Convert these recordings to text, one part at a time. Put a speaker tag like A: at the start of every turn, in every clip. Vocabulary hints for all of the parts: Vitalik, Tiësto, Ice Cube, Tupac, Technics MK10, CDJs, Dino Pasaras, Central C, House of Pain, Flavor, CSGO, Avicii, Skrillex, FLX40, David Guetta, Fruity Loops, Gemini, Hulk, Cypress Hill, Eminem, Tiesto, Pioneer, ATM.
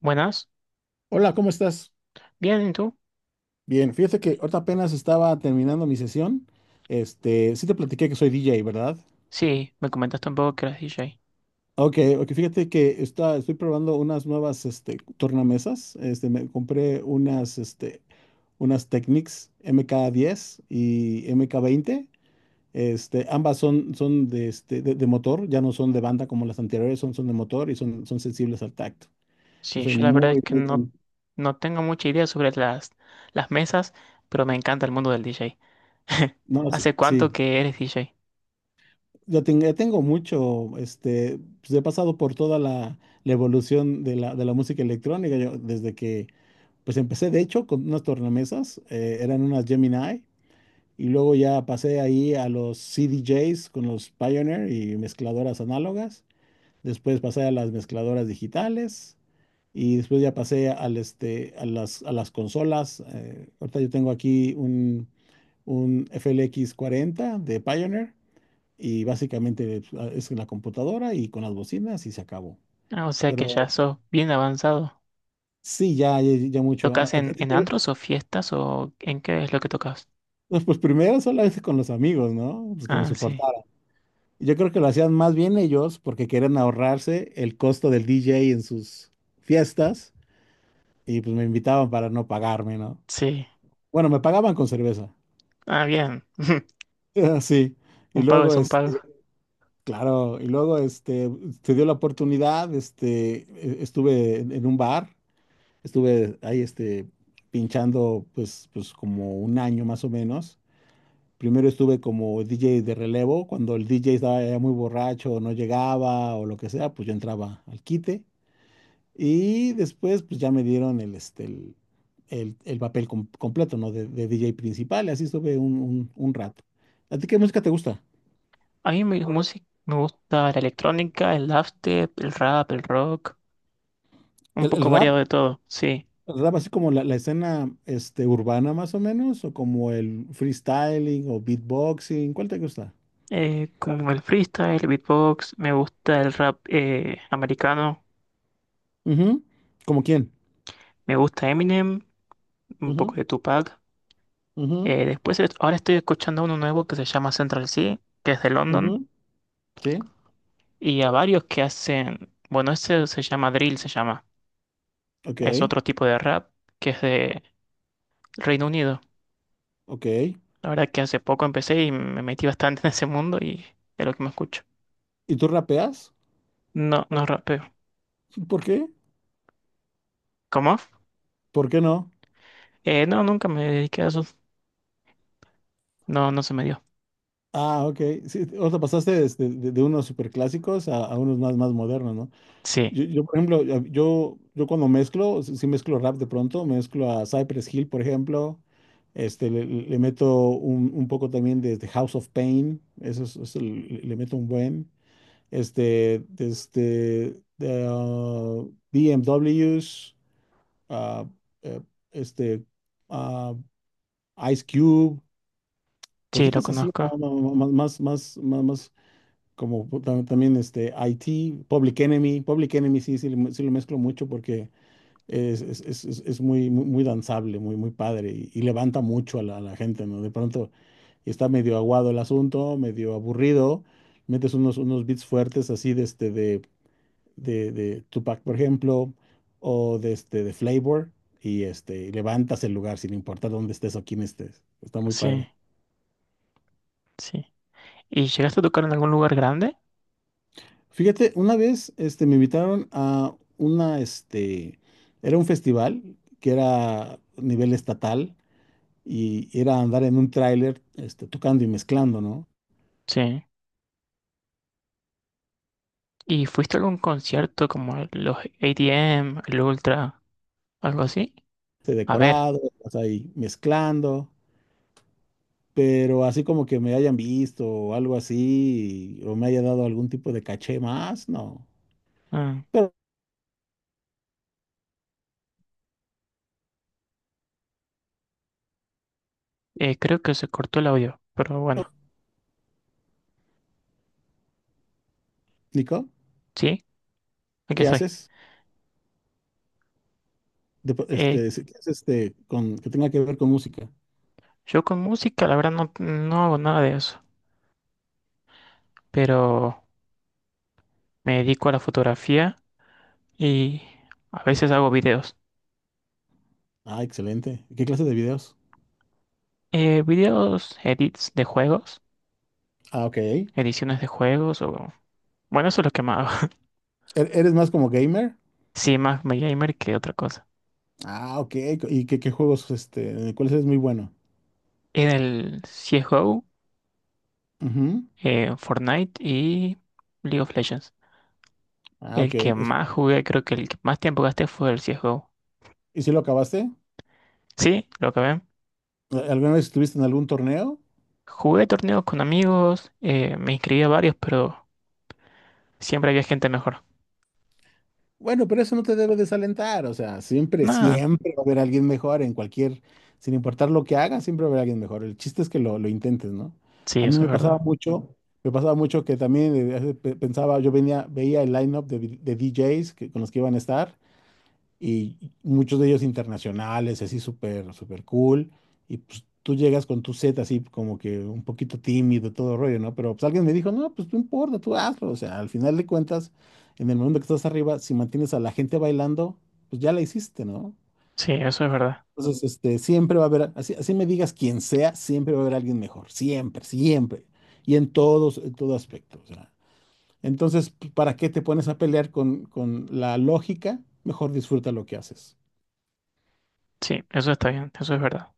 A: Buenas,
B: Hola, ¿cómo estás?
A: bien, ¿y tú?
B: Bien, fíjate que ahorita apenas estaba terminando mi sesión. Sí te platiqué que soy DJ, ¿verdad?
A: Sí, me comentaste un poco que eras DJ.
B: Ok, ok, fíjate que estoy probando unas nuevas, tornamesas. Me compré unas Technics MK10 y MK20. Ambas son de, de motor, ya no son de banda como las anteriores, son de motor y son sensibles al tacto. Yo
A: Sí,
B: soy
A: yo la verdad es
B: muy,
A: que
B: muy...
A: no,
B: con-
A: no tengo mucha idea sobre las mesas, pero me encanta el mundo del DJ.
B: No, sí,
A: ¿Hace
B: sí.
A: cuánto que eres DJ?
B: Ya tengo mucho, pues he pasado por toda la evolución de la música electrónica, yo, desde que, pues empecé de hecho con unas tornamesas, eran unas Gemini, y luego ya pasé ahí a los CDJs con los Pioneer y mezcladoras análogas, después pasé a las mezcladoras digitales, y después ya pasé al, este, a las consolas, ahorita yo tengo aquí un FLX40 de Pioneer, y básicamente pues, es en la computadora y con las bocinas y se acabó.
A: Ah, o sea que
B: Pero
A: ya sos bien avanzado.
B: sí, ya, ya, ya mucho.
A: ¿Tocas en antros o fiestas o en qué es lo que tocas?
B: No, pues primero solamente con los amigos, ¿no? Pues que me
A: Ah, sí,
B: soportaran. Yo creo que lo hacían más bien ellos porque querían ahorrarse el costo del DJ en sus fiestas y pues me invitaban para no pagarme, ¿no?
A: sí.
B: Bueno, me pagaban con cerveza.
A: Ah, bien.
B: Sí. Y
A: Un pago
B: luego,
A: es un pago.
B: este, claro, y luego, este, se dio la oportunidad, estuve en un bar. Estuve ahí, pinchando pues, como un año más o menos. Primero estuve como DJ de relevo, cuando el DJ estaba ya muy borracho, no llegaba o lo que sea, pues yo entraba al quite. Y después pues ya me dieron el, este, el papel completo, ¿no? De DJ principal, y así estuve un rato. ¿A ti qué música te gusta?
A: A mí mi música me gusta la electrónica, el dubstep, el rap, el rock, un
B: ¿El
A: poco
B: rap?
A: variado de todo, sí.
B: ¿El rap así como la escena urbana más o menos? ¿O como el freestyling o beatboxing? ¿Cuál te gusta?
A: Como el freestyle, el beatbox, me gusta el rap americano,
B: Ujú. ¿Como quién?
A: me gusta Eminem, un poco
B: Ujú,
A: de Tupac.
B: ujú,
A: Después, ahora estoy escuchando uno nuevo que se llama Central C, que es de London,
B: ujú. Sí.
A: y a varios que hacen, bueno, ese se llama drill, se llama,
B: Ok,
A: es otro tipo de rap que es de Reino Unido.
B: ok.
A: La verdad que hace poco empecé y me metí bastante en ese mundo y es lo que me escucho.
B: ¿Y tú rapeas?
A: No, no rapeo.
B: ¿Por qué?
A: ¿Cómo?
B: ¿Por qué no?
A: No, nunca me dediqué a eso. No, no se me dio.
B: Ah, ok. Sí, o sea, pasaste de unos superclásicos a unos más modernos, ¿no?
A: Sí,
B: Yo, por ejemplo, yo cuando mezclo, sí mezclo rap de pronto, mezclo a Cypress Hill, por ejemplo. Le le- le meto un poco también de House of Pain, eso le meto un buen. Este, desde de, ah, BMWs, ah, eh, este, ah, Ice Cube,
A: sí, lo
B: cositas así, ¿no?
A: conozco.
B: No, no, más, más, más, más, como también IT, Public Enemy sí, sí lo mezclo mucho porque es muy, muy, muy danzable, muy, muy padre y levanta mucho a la gente, ¿no? De pronto está medio aguado el asunto, medio aburrido, metes unos beats fuertes así de Tupac, por ejemplo, o de Flavor, y levantas el lugar sin importar dónde estés o quién estés. Está muy
A: Sí.
B: padre.
A: Sí. ¿Y llegaste a tocar en algún lugar grande?
B: Fíjate, una vez, me invitaron, era un festival que era a nivel estatal y era andar en un tráiler, tocando y mezclando, ¿no?
A: Sí. ¿Y fuiste a algún concierto como los ATM, el Ultra, algo así?
B: Este,
A: A ver,
B: decorado, o sea, y mezclando, pero así como que me hayan visto o algo así, o me haya dado algún tipo de caché más, no.
A: mm,
B: Pero,
A: creo que se cortó el audio, pero bueno,
B: Nico.
A: sí, aquí
B: ¿Qué
A: estoy.
B: haces?
A: Eh,
B: ¿Qué haces, que tenga que ver con música?
A: yo con música, la verdad, no, no hago nada de eso, pero me dedico a la fotografía y a veces hago videos.
B: Ah, excelente. ¿Qué clase de videos?
A: Videos, edits de juegos,
B: Ah, ok. ¿E-
A: ediciones de juegos o... Bueno, eso es lo que más hago.
B: ¿Eres más como gamer?
A: Sí, más gamer que otra cosa.
B: Ah, ok. ¿Y qué juegos, en cuáles eres muy bueno?
A: En el CSGO,
B: Ujú.
A: Fortnite y League of Legends.
B: Ah, ok.
A: El que más jugué, creo que el que más tiempo gasté fue el CSGO.
B: ¿Y si lo acabaste?
A: Sí, lo que ven.
B: ¿Alguna vez estuviste en algún torneo?
A: Jugué torneos con amigos, me inscribí a varios, pero siempre había gente mejor.
B: Bueno, pero eso no te debe desalentar, o sea, siempre,
A: Nada,
B: siempre va a haber alguien mejor en cualquier, sin importar lo que hagas, siempre va a haber alguien mejor. El chiste es que lo intentes, ¿no?
A: sí,
B: A mí
A: eso
B: me
A: es
B: pasaba
A: verdad.
B: mucho, me pasaba mucho que también pensaba, yo veía el lineup de DJs con los que iban a estar y muchos de ellos internacionales, así súper, súper cool, y pues tú llegas con tu set así como que un poquito tímido, todo rollo, ¿no? Pero pues alguien me dijo, no, pues no importa, tú hazlo, o sea, al final de cuentas, en el momento que estás arriba, si mantienes a la gente bailando, pues ya la hiciste, ¿no?
A: Sí, eso es verdad.
B: Entonces, siempre va a haber, así, así me digas quién sea, siempre va a haber alguien mejor, siempre, siempre, y en todo aspecto, o sea. Entonces, ¿para qué te pones a pelear con la lógica? Mejor disfruta lo que haces.
A: Sí, eso está bien, eso es verdad.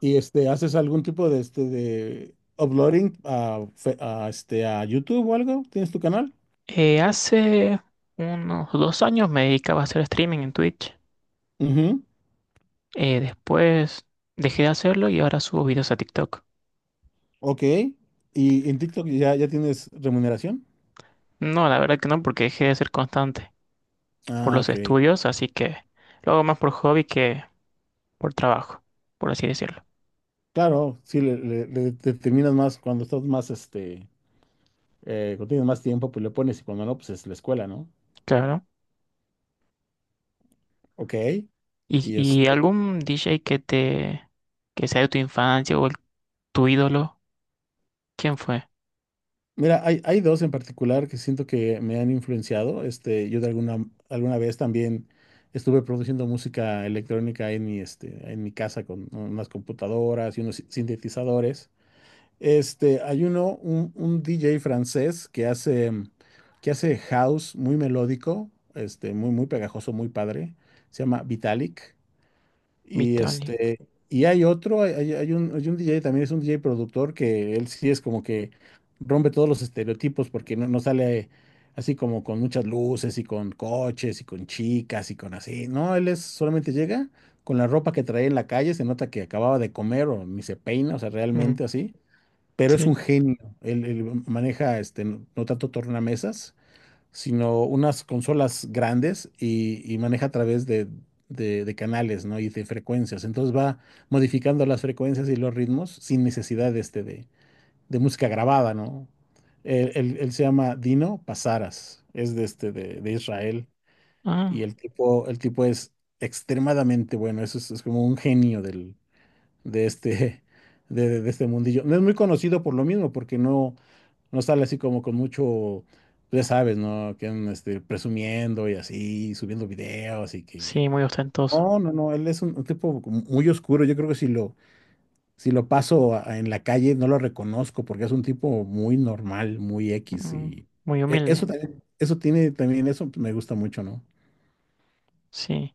B: Y ¿haces algún tipo de uploading a, Fe- a, este, a YouTube o algo? ¿Tienes tu canal?
A: Hace unos 2 años me dedicaba a hacer streaming en Twitch.
B: Ujú.
A: Después dejé de hacerlo y ahora subo videos a TikTok.
B: Ok. ¿Y en TikTok ya tienes remuneración?
A: No, la verdad que no, porque dejé de ser constante. Por
B: Ah,
A: los
B: ok.
A: estudios, así que lo hago más por hobby que por trabajo, por así decirlo.
B: Claro, sí, le determinas más cuando estás más, cuando tienes más tiempo, pues le pones y cuando no, pues es la escuela, ¿no?
A: Claro.
B: Ok. Y
A: ¿Y, y
B: este,
A: algún DJ que te que sea de tu infancia o tu ídolo? ¿Quién fue?
B: Mira, hay dos en particular que siento que me han influenciado. Yo de alguna vez también estuve produciendo música electrónica en mi casa con unas computadoras y unos sintetizadores. Hay un DJ francés que hace house muy melódico, muy, muy pegajoso, muy padre. Se llama Vitalik. Y
A: Vitalik.
B: este, y hay otro, hay- hay un DJ, también es un DJ productor que él sí es como que rompe todos los estereotipos porque no sale así como con muchas luces y con coches y con chicas y con así. No, él es solamente llega con la ropa que trae en la calle, se nota que acababa de comer o ni se peina, o sea,
A: Ujú,
B: realmente así. Pero es un
A: sí.
B: genio. Él maneja, no, no tanto tornamesas sino unas consolas grandes y maneja a través de canales, ¿no? Y de frecuencias. Entonces va modificando las frecuencias y los ritmos sin necesidad de música grabada, ¿no? Él se llama Dino Pasaras, es de Israel,
A: Ah,
B: y el tipo es extremadamente bueno, es como un genio de este, de este mundillo. No es muy conocido por lo mismo, porque no. No sale así como con mucho, ya sabes, ¿no? Que andan presumiendo y así, subiendo videos y que.
A: sí, muy ostentoso.
B: No, no, no, él es un tipo como muy oscuro. Yo creo que si lo paso en la calle no lo reconozco porque es un tipo muy normal, muy X,
A: Mm,
B: y
A: muy
B: eso
A: humilde.
B: también, eso me gusta mucho, ¿no?
A: Sí.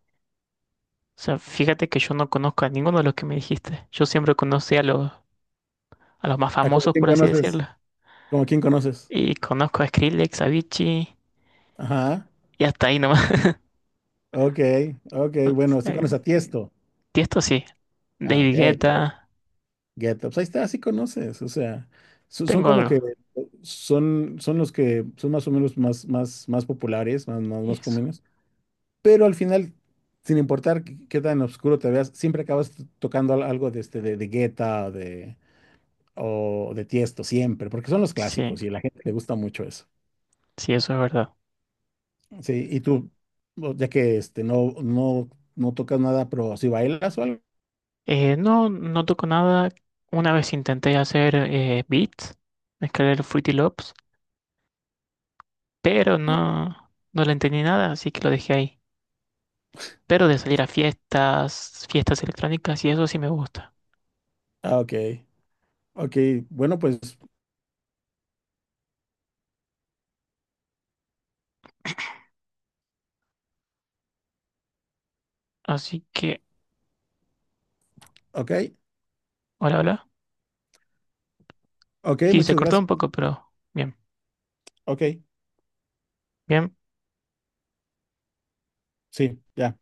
A: O sea, fíjate que yo no conozco a ninguno de los que me dijiste. Yo siempre conocí a los más
B: Ah, como
A: famosos,
B: quién
A: por así
B: conoces,
A: decirlo.
B: como quién conoces.
A: Y conozco a Skrillex, a Avicii
B: Ajá,
A: y hasta ahí nomás.
B: ok, ok,
A: O
B: bueno, sí
A: sea,
B: conoces a Tiesto.
A: Tiesto sí.
B: Ah, ok,
A: David Guetta.
B: Get Up. Ahí está, sí conoces, o sea, so- son
A: Tengo
B: como
A: algo.
B: que son los que son más o menos, más, más, más populares, más, más, más
A: Eso.
B: comunes, pero al final, sin importar qué tan oscuro te veas, siempre acabas tocando algo de Guetta o o de Tiesto, siempre, porque son los
A: Sí,
B: clásicos y a la gente le gusta mucho eso.
A: sí, eso es verdad.
B: Sí, y tú, ya que no, no, no tocas nada, pero si bailas o algo.
A: No, no toco nada. Una vez intenté hacer beats, mezclar Fruity Loops, pero no, no le entendí nada, así que lo dejé ahí. Pero de salir a fiestas, fiestas electrónicas y eso sí me gusta.
B: Ah, ok, ok, bueno, pues,
A: Así que,
B: ok,
A: hola, hola.
B: ok,
A: Sí, se
B: muchas
A: cortó un
B: gracias,
A: poco, pero bien,
B: ok,
A: bien.
B: sí, ya.